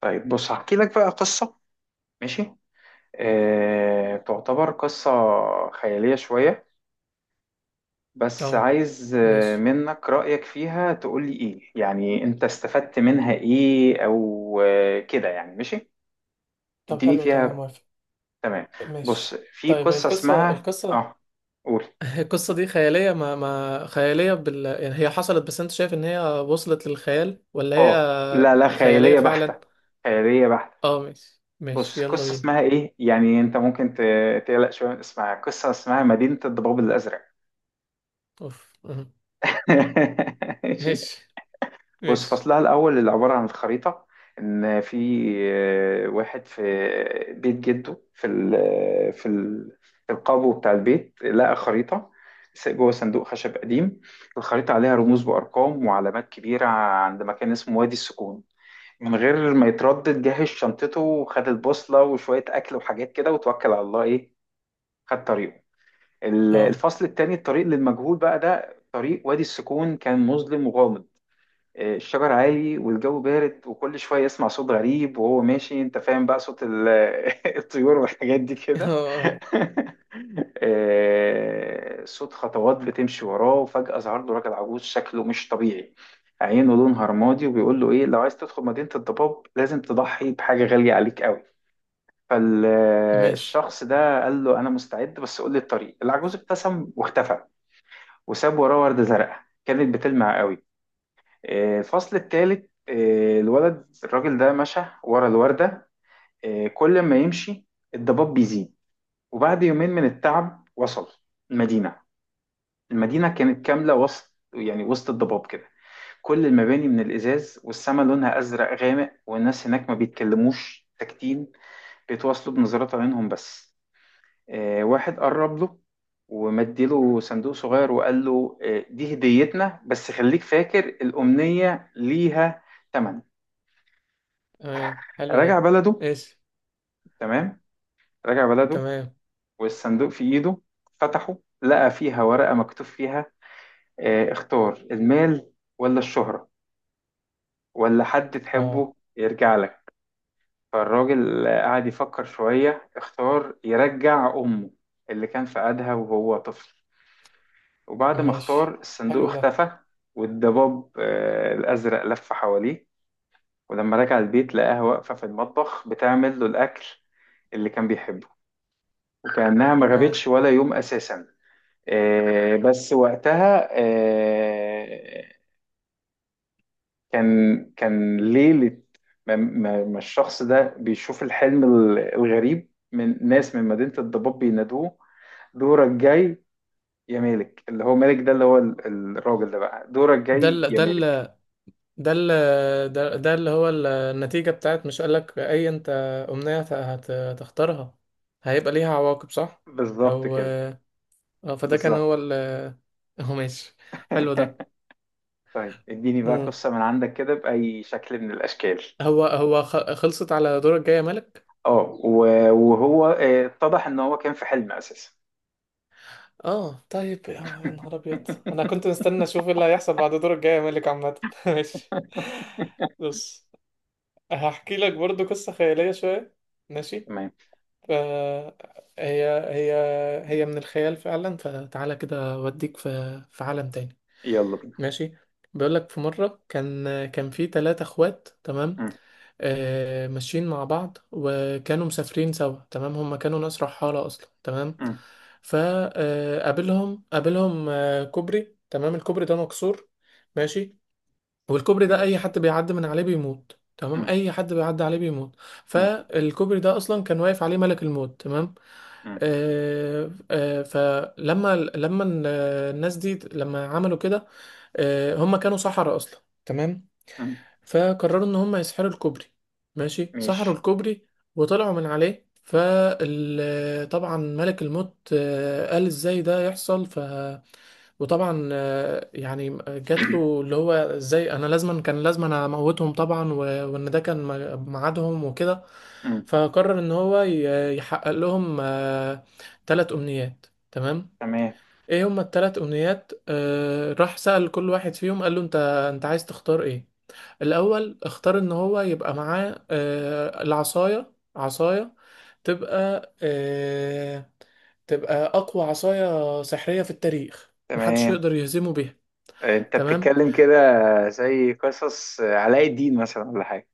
طيب، بص هحكي لك بقى قصة. ماشي. تعتبر قصة خيالية شوية، بس اه. عايز ماشي. منك رأيك فيها، تقول لي إيه يعني أنت استفدت منها إيه أو كده يعني. ماشي. طب اديني حلو ده، انا فيها. موافق. تمام. بص، ماشي في طيب، قصة القصة اسمها قول. القصة دي خيالية، ما خيالية بال يعني، هي حصلت بس انت شايف ان هي وصلت للخيال ولا آه هي لا لا، خيالية خيالية فعلا؟ بحتة، خيالية بحتة. اه ماشي بص، يلا قصة بينا. اسمها إيه، يعني أنت ممكن تقلق شوية من اسمها. قصة اسمها مدينة الضباب الأزرق. اوف أه. ماشي. ماشي بص، ماشي فصلها الأول اللي عبارة عن الخريطة، إن في واحد في بيت جده، في ال في القابو بتاع البيت، لقى خريطة جوه صندوق خشب قديم. الخريطة عليها رموز وأرقام وعلامات كبيرة عند مكان اسمه وادي السكون. من غير ما يتردد جهز شنطته وخد البوصلة وشوية أكل وحاجات كده وتوكل على الله، إيه، خد طريقه. اه. الفصل التاني، الطريق للمجهول، بقى ده طريق وادي السكون، كان مظلم وغامض. الشجر عالي والجو بارد وكل شوية يسمع صوت غريب وهو ماشي. انت فاهم بقى صوت الطيور والحاجات دي كده. اه. آه. صوت خطوات بتمشي وراه، وفجأة ظهر له راجل عجوز شكله مش طبيعي، عينه لونها رمادي، وبيقول له ايه، لو عايز تدخل مدينة الضباب لازم تضحي بحاجة غالية عليك قوي. ماشي. فالشخص ده قال له، انا مستعد بس قول لي الطريق. العجوز ابتسم واختفى، وساب وراه وردة زرقاء كانت بتلمع قوي. الفصل التالت. الراجل ده مشى ورا الوردة. كل ما يمشي الضباب بيزيد، وبعد يومين من التعب وصل المدينة. المدينة كانت كاملة وسط، يعني وسط الضباب كده. كل المباني من الإزاز، والسما لونها أزرق غامق، والناس هناك ما بيتكلموش، ساكتين، بيتواصلوا بنظرات عينهم بس. واحد قرب له ومديله صندوق صغير وقال له، دي هديتنا بس خليك فاكر الأمنية ليها تمن. تمام حلو ده. راجع بلده. ماشي. تمام. راجع بلده تمام. والصندوق في ايده، فتحه لقى فيها ورقة مكتوب فيها اختار المال، ولا الشهرة، ولا حد اه تحبه يرجع لك. فالراجل قعد يفكر شوية، اختار يرجع أمه اللي كان في قدها وهو طفل. وبعد ما اختار ماشي، الصندوق حلو ده. اختفى، والضباب الأزرق لف حواليه. ولما رجع البيت لقاها واقفة في المطبخ بتعمل له الأكل اللي كان بيحبه، وكأنها ما اه، غابتش ولا يوم أساسا. بس وقتها كان ليلة ما الشخص ده بيشوف الحلم الغريب، من ناس من مدينة الضباب بينادوه، دورك جاي يا مالك. اللي هو مالك ده، اللي هو الراجل ده بقى، دورك ده ال جاي يا ده ال مالك. ده اللي ده اللي هو ال- النتيجة بتاعت، مش قالك أي أنت أمنية هتختارها هيبقى ليها عواقب، صح؟ بالظبط أو كده. أه، فده كان بالظبط. هو ال- هو ماشي، حلو ده. طيب، اديني بقى مم. قصة من عندك كده بأي شكل من الأشكال. هو خلصت على دورك الجاي يا مالك؟ اه، وهو اتضح ان هو كان في حلم أساسا. اه طيب، يا نهار أبيض، أنا كنت مستني أشوف إيه اللي هيحصل بعد دورك الجاي يا مالك عامة. ماشي. بص، هحكي لك برضو قصة خيالية شوية، ماشي؟ تمام، فهي هي هي من الخيال فعلا، فتعالى كده اوديك في عالم تاني. يلا بينا. ماشي. بيقولك في مرة كان في ثلاثة اخوات، تمام. م- آه، ماشيين مع بعض وكانوا مسافرين سوا، تمام. هما كانوا ناس رحالة أصلا، تمام. م- فقابلهم قابلهم، آه، كوبري، تمام. الكوبري ده مكسور، ماشي. والكوبري ده اي ماشي. حد بيعدي من عليه بيموت، تمام، م- اي حد بيعدي عليه بيموت. م- فالكوبري ده اصلا كان واقف عليه ملك الموت، تمام. م- آه لما ال- الناس دي لما عملوا كده، آه هم كانوا سحرة اصلا، تمام. م- فقرروا ان هم يسحروا الكوبري. ماشي، سحروا ماشي. الكوبري وطلعوا من عليه. فطبعا ملك الموت آه قال ازاي ده يحصل، وطبعا آه، يعني جات له اللي هو ازاي، انا لازما اموتهم طبعا، وان ده كان ميعادهم وكده. م- فقرر ان هو يحقق لهم ثلاث امنيات، تمام. تمام. ايه هما الثلاث امنيات؟ آه، راح سأل كل واحد فيهم، قال له انت عايز تختار ايه؟ الأول اختار إن هو يبقى معاه آه، عصاية تبقى آه، تبقى أقوى عصاية سحرية في التاريخ، محدش تمام، يقدر يهزمه بيها. انت تمام. بتتكلم كده زي قصص علاء الدين مثلا ولا حاجة؟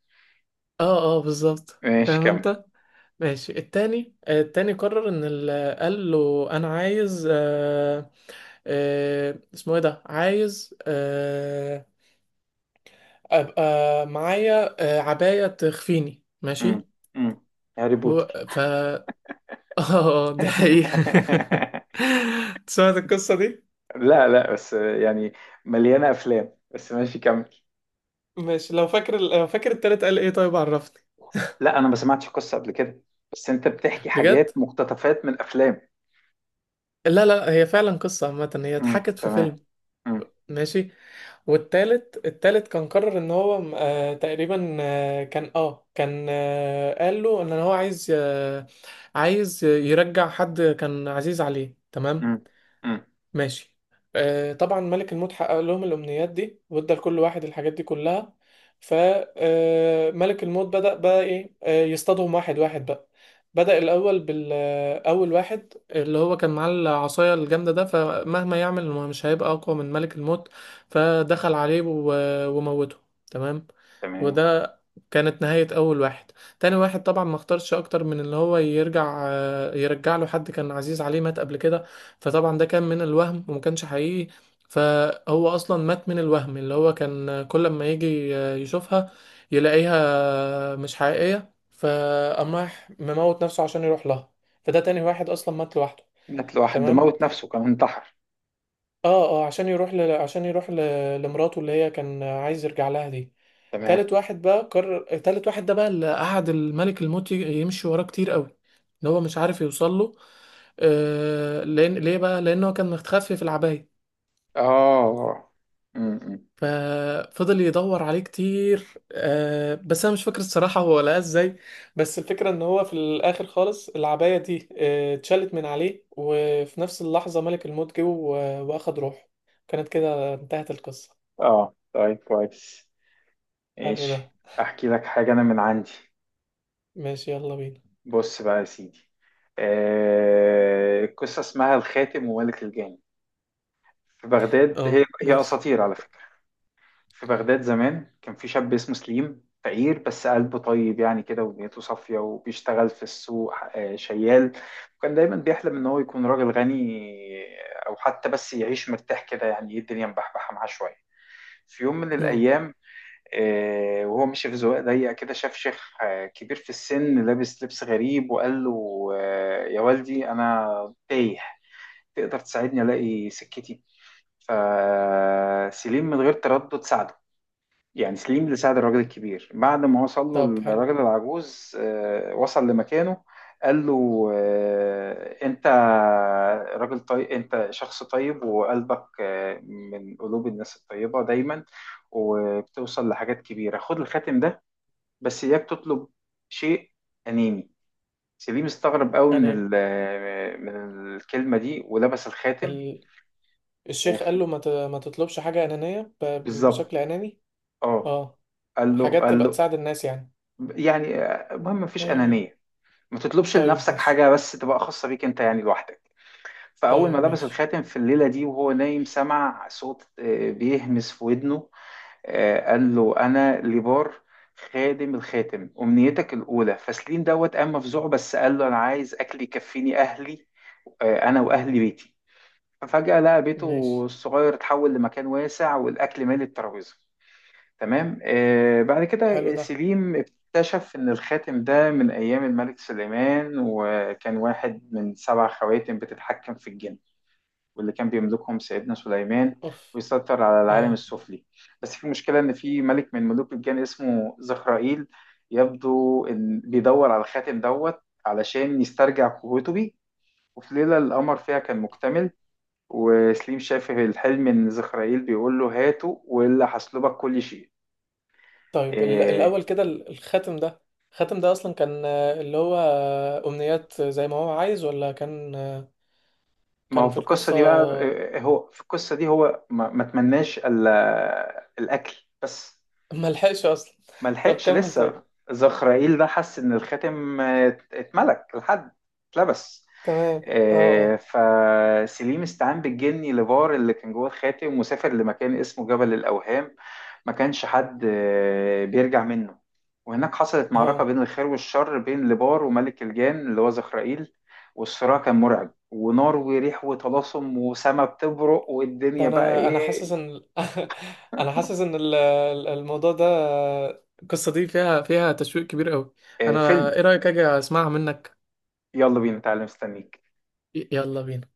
اه بالظبط، ماشي فاهم كمل. انت. ماشي. التاني، آه، التاني قرر ان ال- قال له انا عايز آه، آه اسمه ايه ده، عايز آه ابقى معايا آه عباية تخفيني. م- ماشي. م. هاري هو- بوتر. ف اه دي حقيقة. سمعت القصة دي؟ لا لا، بس يعني مليانة أفلام، بس ماشي كمل. ماشي، لو فاكر التالت قال ايه، طيب عرفني. لا، أنا ما سمعتش قصة قبل كده، بس أنت بتحكي حاجات بجد؟ مقتطفات من أفلام. لا، هي فعلا قصة عامة، هي م، اتحكت في تمام. فيلم. م- ماشي. والتالت، كان قرر ان هو آه تقريبا آه كان آه، قال له ان هو عايز آه، عايز يرجع حد كان عزيز عليه، تمام. م- م. ماشي. آه طبعا ملك الموت حقق لهم الأمنيات دي، وادى لكل واحد الحاجات دي كلها. فملك الموت بدأ بقى إيه آه يصطادهم، واحد واحد بقى. بدأ بالأول واحد اللي هو كان معاه العصاية الجامدة ده، فمهما يعمل هو مش هيبقى أقوى من ملك الموت. فدخل عليه وموته. تمام. تمام. وده كانت نهاية أول واحد. تاني واحد طبعا ما اختارش أكتر من اللي هو يرجع، آه، يرجع له حد كان عزيز عليه مات قبل كده. فطبعا ده كان من الوهم وما كانش حقيقي، فهو اصلا مات من الوهم، اللي هو كان كل ما يجي يشوفها يلاقيها مش حقيقية، فقام راح مموت نفسه عشان يروح لها. فده تاني واحد اصلا مات لوحده. مات لوحده، ده تمام. موت نفسه، كان انتحر. اه عشان يروح ل لمراته اللي هي كان عايز يرجع لها دي. تمام. تالت واحد بقى، قرر تالت واحد ده بقى، اللي قعد الملك الموت يمشي وراه كتير قوي اللي هو مش عارف يوصل له، آه، لأن، ليه بقى؟ لانه كان متخفي في العباية. اه. م-م. ففضل يدور عليه كتير، آه، بس انا مش فاكر الصراحه هو لقاه ازاي. بس الفكره ان هو في الاخر خالص العبايه دي آه، اتشالت من عليه، وفي نفس اللحظه ملك الموت جه واخد روحه. كانت كده انتهت القصه. اه. طيب كويس. حلو ده. ماشي. احكي لك حاجة انا من عندي. ماشي، يلا بينا. بص بقى يا سيدي، القصة اسمها الخاتم وملك الجان. في بغداد، هي اه هي ماشي. اساطير على فكرة. في بغداد زمان كان في شاب اسمه سليم، فقير بس قلبه طيب يعني كده، ونيته صافية، وبيشتغل في السوق شيال، وكان دايما بيحلم إن هو يكون راجل غني، أو حتى بس يعيش مرتاح كده، يعني إيه، الدنيا مبحبحة معاه شوية. في يوم من اه الأيام وهو ماشي في زوايا ضيقة كده، شاف شيخ كبير في السن لابس لبس غريب، وقال له يا والدي أنا تايه، تقدر تساعدني ألاقي سكتي؟ فسليم من غير تردد ساعده. يعني سليم اللي ساعد الراجل الكبير. بعد ما وصل له طب حلو. الراجل العجوز وصل لمكانه، قال له انت راجل طيب، انت شخص طيب، وقلبك من قلوب الناس الطيبة دايما، وبتوصل لحاجات كبيرة. خد الخاتم ده، بس اياك تطلب شيء أناني. سليم استغرب قوي من اناني؟ من الكلمة دي، ولبس الخاتم. ال- الشيخ وف- قال له ما تطلبش حاجه انانيه بالظبط. بشكل اناني. اه. اه، قال له حاجات قال تبقى له تساعد الناس يعني. يعني المهم مفيش آه. أنانية، ما تطلبش طيب لنفسك ماشي. حاجة بس تبقى خاصة بيك انت يعني لوحدك. فأول ما طيب لبس ماشي. الخاتم في الليلة دي وهو نايم سمع صوت بيهمس في ودنه. قال له، أنا ليبار، خادم الخاتم، أمنيتك الأولى. فسليم دوت قام مفزوع، بس قال له أنا عايز أكل يكفيني أهلي، أنا وأهلي بيتي. ففجأة لقى بيته ماشي، الصغير اتحول لمكان واسع، والأكل مالي الترابيزة. تمام. بعد حلو كده ده. سليم اكتشف إن الخاتم ده من أيام الملك سليمان، وكان واحد من سبع خواتم بتتحكم في الجن، واللي كان بيملكهم سيدنا سليمان اوف. ويسيطر على العالم اه السفلي. بس في مشكلة، إن في ملك من ملوك الجن اسمه زخرائيل، يبدو إن بيدور على الخاتم دوت علشان يسترجع قوته بيه. وفي ليلة القمر فيها كان مكتمل، وسليم شاف في الحلم إن زخرائيل بيقول له، هاته وإلا هسلبك كل شيء. طيب، ال- آه، الاول كده ال- الخاتم ده، الخاتم ده اصلا كان آه، اللي هو آه، امنيات زي ما هو عايز، ولا كان آه، ما هو كان في في القصة القصة؟ دي بقى هو في القصة دي هو ما تمناش الأكل بس. ملحقش اصلا. ما طب لحقش كمل لسه. طيب. زخرائيل ده حس إن الخاتم اتملك لحد، اتلبس. تمام. اه اه فسليم استعان بالجني لبار اللي كان جوه الخاتم، وسافر لمكان اسمه جبل الأوهام، ما كانش حد بيرجع منه. وهناك حصلت معركة اه بين الخير والشر، بين لبار وملك الجان اللي هو زخرائيل، والصراع كان مرعب، ونار وريح وطلاسم وسما بتبرق ده والدنيا بقى انا حاسس ايه. ان ال- انا حاسس ان الموضوع ده آه، القصة دي فيها تشويق كبير قوي. انا فيلم. ايه رأيك اجي اسمعها منك؟ يلا بينا تعالى مستنيك. يلا بينا.